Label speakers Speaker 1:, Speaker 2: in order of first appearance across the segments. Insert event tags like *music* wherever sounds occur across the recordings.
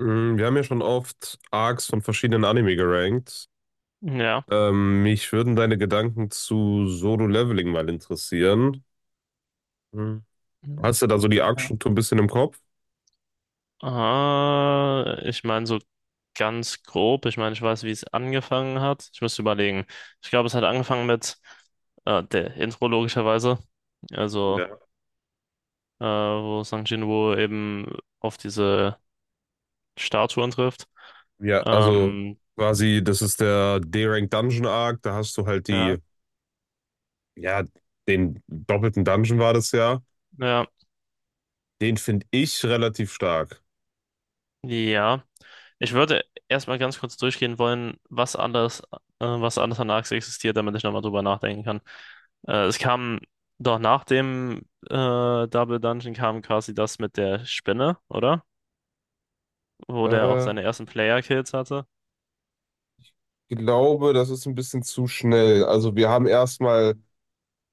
Speaker 1: Wir haben ja schon oft Arcs von verschiedenen Anime gerankt.
Speaker 2: Ja.
Speaker 1: Mich würden deine Gedanken zu Solo Leveling mal interessieren. Mhm.
Speaker 2: Mhm.
Speaker 1: Hast du da so die
Speaker 2: Ja.
Speaker 1: Arc-Struktur ein bisschen im Kopf?
Speaker 2: Ich meine so ganz grob. Ich meine, ich weiß, wie es angefangen hat. Ich müsste überlegen. Ich glaube, es hat angefangen mit der Intro logischerweise. Also,
Speaker 1: Ja.
Speaker 2: Wo Sang Jinwoo eben auf diese Statuen trifft.
Speaker 1: Ja, also
Speaker 2: Ähm,
Speaker 1: quasi, das ist der D-Rank Dungeon Arc. Da hast du halt die,
Speaker 2: ja,
Speaker 1: ja, den doppelten Dungeon war das ja.
Speaker 2: ja,
Speaker 1: Den finde ich relativ stark.
Speaker 2: ja. Ich würde erstmal ganz kurz durchgehen wollen, was alles an Arx existiert, damit ich nochmal drüber nachdenken kann. Es kam doch nach dem äh, Double Dungeon kam quasi das mit der Spinne, oder? Wo der auch
Speaker 1: Äh,
Speaker 2: seine ersten Player-Kills hatte.
Speaker 1: Ich glaube, das ist ein bisschen zu schnell. Also wir haben erstmal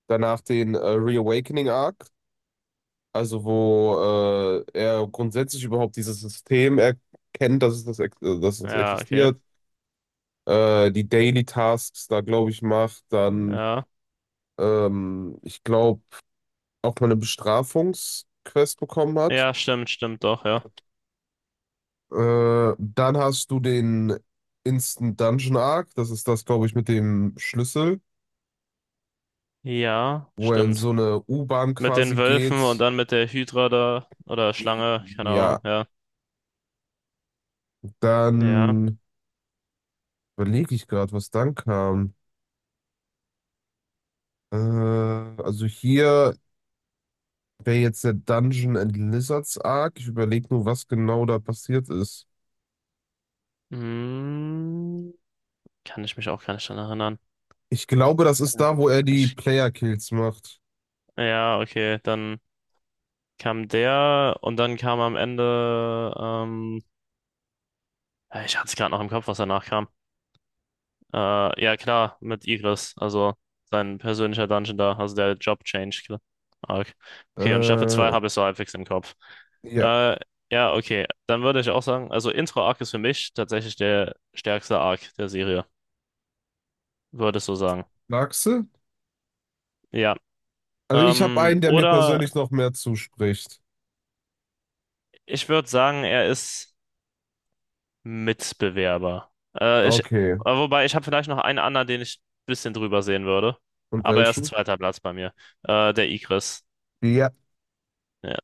Speaker 1: danach den Reawakening Arc. Also wo er grundsätzlich überhaupt dieses System erkennt, dass es das, dass das
Speaker 2: Ja, okay.
Speaker 1: existiert, die Daily Tasks da, glaube ich, macht, dann,
Speaker 2: Ja.
Speaker 1: ich glaube, auch mal eine Bestrafungsquest bekommen hat.
Speaker 2: Ja, stimmt, stimmt doch, ja.
Speaker 1: Dann hast du den Instant Dungeon Arc, das ist das, glaube ich, mit dem Schlüssel,
Speaker 2: Ja,
Speaker 1: wo er in so
Speaker 2: stimmt.
Speaker 1: eine U-Bahn
Speaker 2: Mit den
Speaker 1: quasi
Speaker 2: Wölfen und
Speaker 1: geht.
Speaker 2: dann mit der Hydra da oder Schlange, keine
Speaker 1: Ja,
Speaker 2: Ahnung, ja. Ja.
Speaker 1: dann überlege ich gerade, was dann kam. Also hier wäre jetzt der Dungeon and Lizards Arc. Ich überlege nur, was genau da passiert ist.
Speaker 2: Hm, Kann ich mich auch gar nicht dran erinnern.
Speaker 1: Ich glaube, das ist
Speaker 2: Ja.
Speaker 1: da, wo er die
Speaker 2: Ich
Speaker 1: Player-Kills macht.
Speaker 2: Ja, okay, dann kam der und dann kam am Ende, ja, ich hatte es gerade noch im Kopf, was danach kam. Ja, klar, mit Igris, also sein persönlicher Dungeon da, also der Job-Change. Klar. Arc. Okay, und Staffel 2
Speaker 1: Äh,
Speaker 2: habe ich so halbwegs im Kopf.
Speaker 1: ja.
Speaker 2: Äh, ja, okay, dann würde ich auch sagen, also Intro-Arc ist für mich tatsächlich der stärkste Arc der Serie, würde ich so sagen.
Speaker 1: Magst du?
Speaker 2: Ja,
Speaker 1: Also ich habe einen, der mir persönlich
Speaker 2: oder
Speaker 1: noch mehr zuspricht.
Speaker 2: ich würde sagen, er ist. Mitbewerber. Äh, ich, äh,
Speaker 1: Okay.
Speaker 2: Wobei, ich habe vielleicht noch einen anderen, den ich ein bisschen drüber sehen würde.
Speaker 1: Und
Speaker 2: Aber er ist
Speaker 1: welchen?
Speaker 2: zweiter Platz bei mir. Der Igris.
Speaker 1: Ja.
Speaker 2: Ja.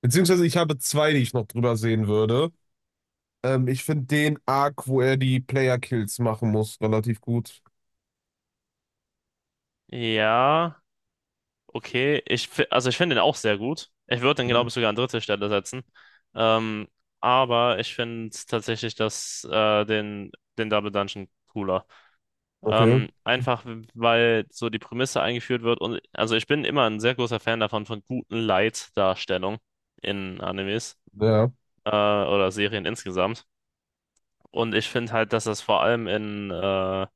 Speaker 1: Beziehungsweise ich habe zwei, die ich noch drüber sehen würde. Ich finde den Arc, wo er die Player-Kills machen muss, relativ gut.
Speaker 2: Ja, okay. Also ich finde ihn auch sehr gut. Ich würde ihn, glaube
Speaker 1: Mhm.
Speaker 2: ich, sogar an dritte Stelle setzen. Ähm, aber ich finde tatsächlich den Double Dungeon cooler.
Speaker 1: Okay.
Speaker 2: Einfach, weil so die Prämisse eingeführt wird. Und also ich bin immer ein sehr großer Fan davon, von guten Light-Darstellung in Animes.
Speaker 1: Ja.
Speaker 2: Oder Serien insgesamt. Und ich finde halt, dass das vor allem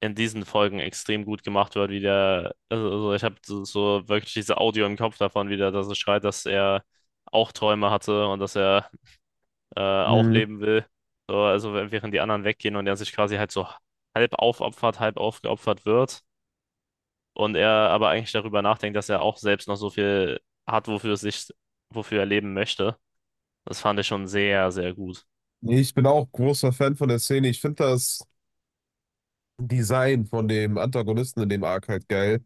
Speaker 2: in diesen Folgen extrem gut gemacht wird, also ich habe so, so wirklich diese Audio im Kopf davon wieder, dass es schreit, dass er auch Träume hatte und dass er auch
Speaker 1: Mhm.
Speaker 2: leben will. So, also während die anderen weggehen und er sich quasi halt so halb aufopfert, halb aufgeopfert wird. Und er aber eigentlich darüber nachdenkt, dass er auch selbst noch so viel hat, wofür er leben möchte. Das fand ich schon sehr, sehr gut.
Speaker 1: Nee, ich bin auch großer Fan von der Szene. Ich finde das. Design von dem Antagonisten in dem Arc halt geil.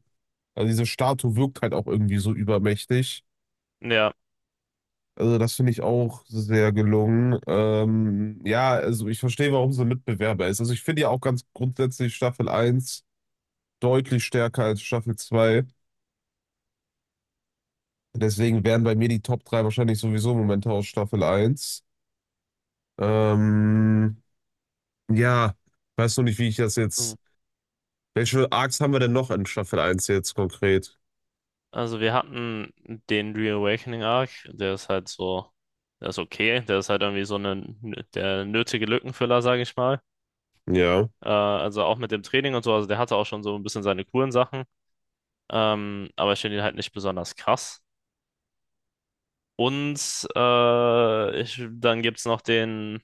Speaker 1: Also diese Statue wirkt halt auch irgendwie so übermächtig.
Speaker 2: Ja.
Speaker 1: Also das finde ich auch sehr gelungen. Ja, also ich verstehe, warum sie Mitbewerber ist. Also ich finde ja auch ganz grundsätzlich Staffel eins deutlich stärker als Staffel 2. Deswegen wären bei mir die Top 3 wahrscheinlich sowieso Momente aus Staffel eins. Ähm, ja, weiß noch nicht, wie ich das jetzt. Welche Arcs haben wir denn noch in Staffel eins jetzt konkret?
Speaker 2: Also wir hatten den Reawakening Arc, der ist halt so, der ist okay, der ist halt irgendwie so eine, der nötige Lückenfüller, sage ich mal.
Speaker 1: Ja.
Speaker 2: Also auch mit dem Training und so, also der hatte auch schon so ein bisschen seine coolen Sachen, aber ich finde ihn halt nicht besonders krass. Und dann gibt's noch den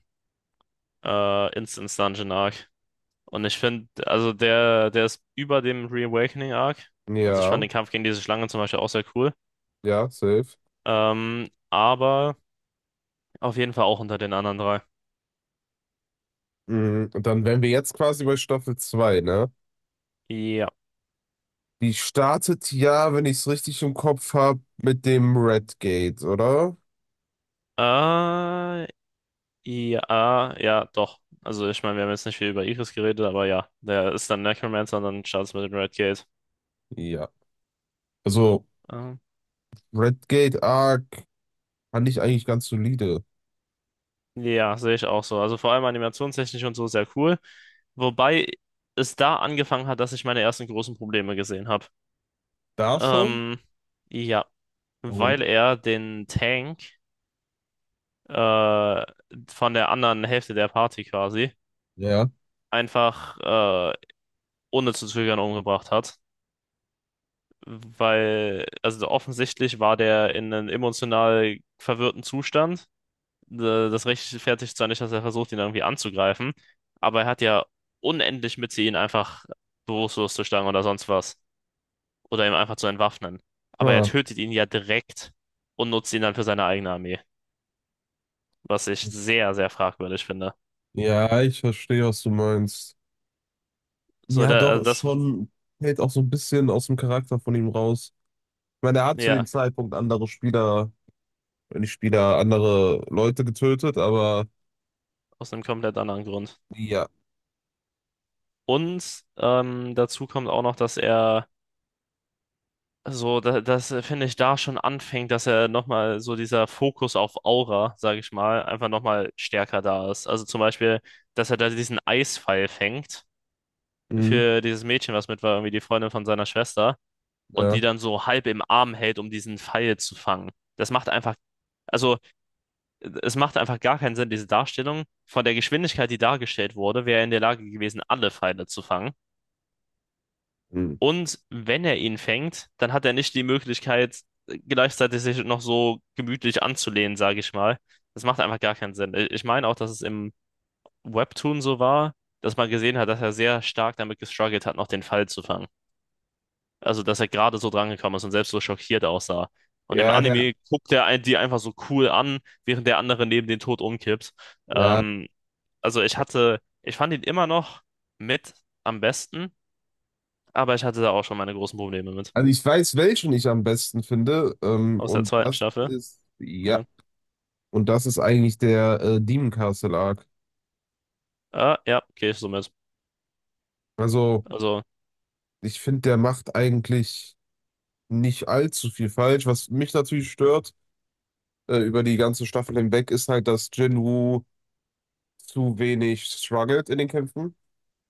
Speaker 2: Instance Dungeon Arc. Und ich finde, der ist über dem Reawakening Arc. Also ich fand
Speaker 1: Ja,
Speaker 2: den Kampf gegen diese Schlange zum Beispiel auch sehr cool.
Speaker 1: ja, safe.
Speaker 2: Ähm, aber Auf jeden Fall auch unter den anderen drei.
Speaker 1: Mhm. Und dann wären wir jetzt quasi bei Staffel 2, ne?
Speaker 2: Ja.
Speaker 1: Die startet ja, wenn ich es richtig im Kopf habe, mit dem Red Gate, oder?
Speaker 2: Äh, ja, ja, doch. Also ich meine, wir haben jetzt nicht viel über Iris geredet, aber ja, der ist dann Necromancer und dann startet mit dem Red Gate.
Speaker 1: Ja. Also,
Speaker 2: Ähm,
Speaker 1: Red Gate Arc fand ich eigentlich ganz solide.
Speaker 2: ja, sehe ich auch so. Also vor allem animationstechnisch und so sehr cool. Wobei es da angefangen hat, dass ich meine ersten großen Probleme gesehen habe.
Speaker 1: Da schon?
Speaker 2: Ähm, ja, weil
Speaker 1: Warum?
Speaker 2: er den Tank äh, von der anderen Hälfte der Party quasi
Speaker 1: Ja.
Speaker 2: einfach ohne zu zögern umgebracht hat. Weil, offensichtlich war der in einem emotional verwirrten Zustand. Das rechtfertigt zwar nicht, dass er versucht, ihn irgendwie anzugreifen, aber er hat ja unendlich Mitte, ihn einfach bewusstlos zu schlagen oder sonst was. Oder ihn einfach zu entwaffnen. Aber er
Speaker 1: Ah,
Speaker 2: tötet ihn ja direkt und nutzt ihn dann für seine eigene Armee. Was ich
Speaker 1: das-
Speaker 2: sehr, sehr fragwürdig finde.
Speaker 1: Ja, ich verstehe, was du meinst.
Speaker 2: So,
Speaker 1: Ja,
Speaker 2: da,
Speaker 1: doch,
Speaker 2: also
Speaker 1: ist
Speaker 2: das,
Speaker 1: schon, hält auch so ein bisschen aus dem Charakter von ihm raus. Ich meine, er hat zu
Speaker 2: ja,
Speaker 1: dem Zeitpunkt andere Spieler, wenn nicht Spieler, andere Leute getötet, aber
Speaker 2: aus einem komplett anderen Grund.
Speaker 1: ja.
Speaker 2: Und dazu kommt auch noch, dass er so, da, das finde ich da schon anfängt, dass er nochmal so dieser Fokus auf Aura, sage ich mal, einfach nochmal stärker da ist. Also zum Beispiel, dass er da diesen Eispfeil fängt
Speaker 1: Mhm.
Speaker 2: für dieses Mädchen, was mit war, irgendwie die Freundin von seiner Schwester, und die
Speaker 1: Ja.
Speaker 2: dann so halb im Arm hält, um diesen Pfeil zu fangen. Das macht einfach, also Es macht einfach gar keinen Sinn, diese Darstellung. Von der Geschwindigkeit, die dargestellt wurde, wäre er in der Lage gewesen, alle Pfeile zu fangen. Und wenn er ihn fängt, dann hat er nicht die Möglichkeit, gleichzeitig sich noch so gemütlich anzulehnen, sage ich mal. Das macht einfach gar keinen Sinn. Ich meine auch, dass es im Webtoon so war, dass man gesehen hat, dass er sehr stark damit gestruggelt hat, noch den Fall zu fangen. Also, dass er gerade so drangekommen ist und selbst so schockiert aussah. Und im
Speaker 1: Ja, der,
Speaker 2: Anime guckt er die einfach so cool an, während der andere neben den Tod umkippt.
Speaker 1: ja,
Speaker 2: Ähm,
Speaker 1: ja.
Speaker 2: Ich fand ihn immer noch mit am besten, aber ich hatte da auch schon meine großen Probleme mit.
Speaker 1: Also ich weiß, welchen ich am besten finde.
Speaker 2: Aus der
Speaker 1: Und
Speaker 2: zweiten
Speaker 1: das
Speaker 2: Staffel.
Speaker 1: ist, ja,
Speaker 2: Ja.
Speaker 1: und das ist eigentlich der Demon Castle Arc.
Speaker 2: Ah, ja, gehe ich so mit.
Speaker 1: Also
Speaker 2: Also,
Speaker 1: ich finde, der macht eigentlich nicht allzu viel falsch. Was mich natürlich stört, über die ganze Staffel hinweg, ist halt, dass Jinwoo zu wenig struggelt in den Kämpfen.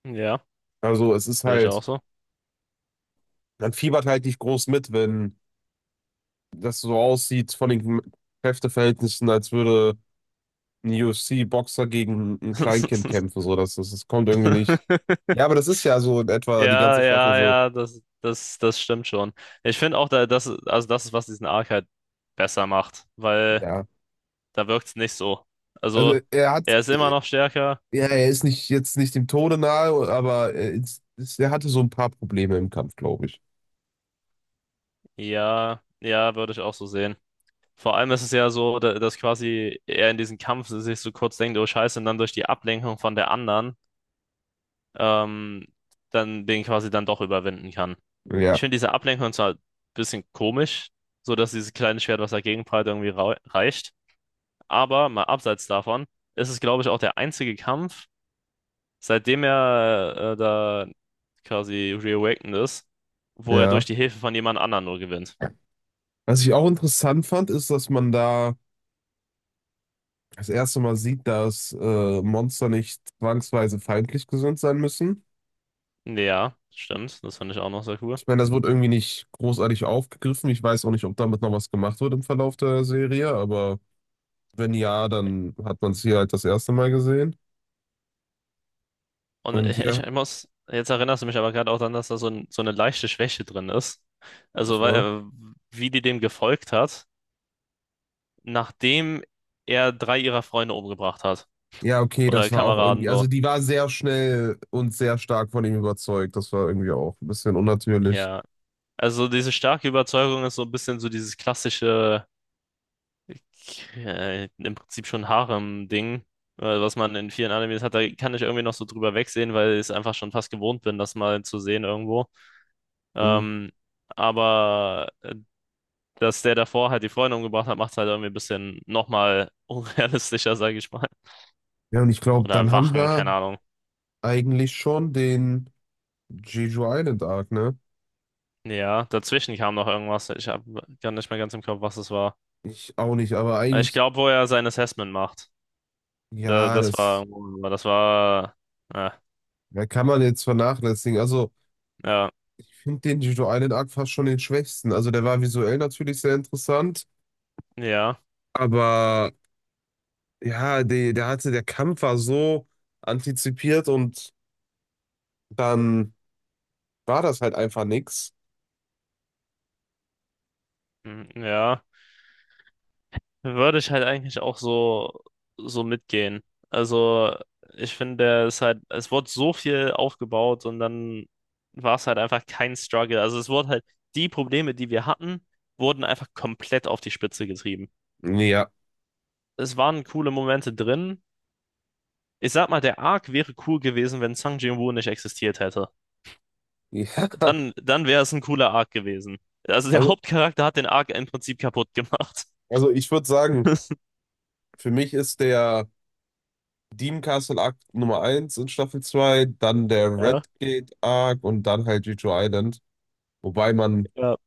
Speaker 2: ja,
Speaker 1: Also es ist
Speaker 2: sehe ich
Speaker 1: halt,
Speaker 2: auch so.
Speaker 1: man fiebert halt nicht groß mit, wenn das so aussieht von den Kräfteverhältnissen, als würde UFC-Boxer gegen ein Kleinkind kämpfen,
Speaker 2: *laughs*
Speaker 1: so, das kommt irgendwie nicht. Ja, aber das ist ja so in etwa die
Speaker 2: Ja,
Speaker 1: ganze Staffel
Speaker 2: ja,
Speaker 1: so.
Speaker 2: ja, das stimmt schon. Ich finde auch, da, das, also Das ist, was diesen Arc halt besser macht, weil
Speaker 1: Ja,
Speaker 2: da wirkt es nicht so. Also,
Speaker 1: also er hat,
Speaker 2: er ist immer noch stärker.
Speaker 1: ja, er ist nicht jetzt nicht dem Tode nahe, aber er hatte so ein paar Probleme im Kampf, glaube ich.
Speaker 2: Ja, ja, würde ich auch so sehen. Vor allem ist es ja so, dass quasi er in diesem Kampf sich so kurz denkt, oh Scheiße, und dann durch die Ablenkung von der anderen, ähm, dann den quasi dann doch überwinden kann. Ich
Speaker 1: Ja,
Speaker 2: finde diese Ablenkung zwar ein bisschen komisch, so dass dieses kleine Schwert, was dagegen prallt, reicht. Aber mal abseits davon ist es, glaube ich, auch der einzige Kampf, seitdem er da quasi reawakened ist, wo er durch
Speaker 1: ja.
Speaker 2: die Hilfe von jemand anderem nur gewinnt.
Speaker 1: Was ich auch interessant fand, ist, dass man da das erste Mal sieht, dass Monster nicht zwangsweise feindlich gesinnt sein müssen.
Speaker 2: Ja, stimmt. Das fand ich auch noch sehr cool.
Speaker 1: Ich meine, das wurde irgendwie nicht großartig aufgegriffen. Ich weiß auch nicht, ob damit noch was gemacht wird im Verlauf der Serie, aber. Wenn ja, dann hat man es hier halt das erste Mal gesehen.
Speaker 2: Und
Speaker 1: Und ja,
Speaker 2: jetzt erinnerst du mich aber gerade auch daran, dass da so, so eine leichte Schwäche drin ist. Also,
Speaker 1: das
Speaker 2: weil,
Speaker 1: war.
Speaker 2: äh, Wie die dem gefolgt hat, nachdem er drei ihrer Freunde umgebracht hat.
Speaker 1: Ja, okay,
Speaker 2: Oder
Speaker 1: das war auch
Speaker 2: Kameraden
Speaker 1: irgendwie.
Speaker 2: so.
Speaker 1: Also, die war sehr schnell und sehr stark von ihm überzeugt. Das war irgendwie auch ein bisschen unnatürlich.
Speaker 2: Ja. Also diese starke Überzeugung ist so ein bisschen so dieses klassische, im Prinzip schon Harem-Ding, was man in vielen Animes hat. Da kann ich irgendwie noch so drüber wegsehen, weil ich es einfach schon fast gewohnt bin, das mal zu sehen irgendwo.
Speaker 1: Mhm.
Speaker 2: Ähm, aber äh, Dass der davor halt die Freunde umgebracht hat, macht es halt irgendwie ein bisschen nochmal *laughs* unrealistischer, sage ich mal.
Speaker 1: Ja, und ich glaube, dann
Speaker 2: Oder
Speaker 1: haben
Speaker 2: Wachen,
Speaker 1: wir
Speaker 2: keine Ahnung.
Speaker 1: eigentlich schon den Jeju Island Arc, ne?
Speaker 2: Ja, dazwischen kam noch irgendwas. Ich habe gar nicht mehr ganz im Kopf, was es war.
Speaker 1: Ich auch nicht, aber
Speaker 2: Ich
Speaker 1: eigentlich,
Speaker 2: glaube, wo er sein Assessment macht. Da,
Speaker 1: ja,
Speaker 2: das
Speaker 1: das
Speaker 2: war, oh, das war, ja,
Speaker 1: ja, kann man jetzt vernachlässigen. Also,
Speaker 2: ja,
Speaker 1: ich finde den Jeju Island Arc fast schon den schwächsten. Also, der war visuell natürlich sehr interessant,
Speaker 2: ja,
Speaker 1: aber ja, der hatte, der Kampf war so antizipiert und dann war das halt einfach nix.
Speaker 2: mm, Ja. Würde ich halt eigentlich auch so, so mitgehen. Also, ich finde, es ist halt, es wurde so viel aufgebaut und dann war es halt einfach kein Struggle. Also, es wurde halt, die Probleme, die wir hatten, wurden einfach komplett auf die Spitze getrieben.
Speaker 1: Ja.
Speaker 2: Es waren coole Momente drin. Ich sag mal, der Arc wäre cool gewesen, wenn Sang Jin-Woo nicht existiert hätte.
Speaker 1: *laughs* Ja.
Speaker 2: Dann wäre es ein cooler Arc gewesen. Also der
Speaker 1: Also,
Speaker 2: Hauptcharakter hat den Arc im Prinzip kaputt gemacht.
Speaker 1: also ich würde sagen, für mich ist der Dean Castle Arc Nummer eins in Staffel 2, dann der
Speaker 2: Ja,
Speaker 1: Redgate Arc und dann halt Jeju Island. Wobei man,
Speaker 2: ja.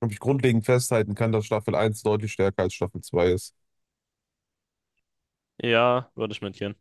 Speaker 1: glaube ich, grundlegend festhalten kann, dass Staffel eins deutlich stärker als Staffel 2 ist.
Speaker 2: Ja, würde ich mitgehen.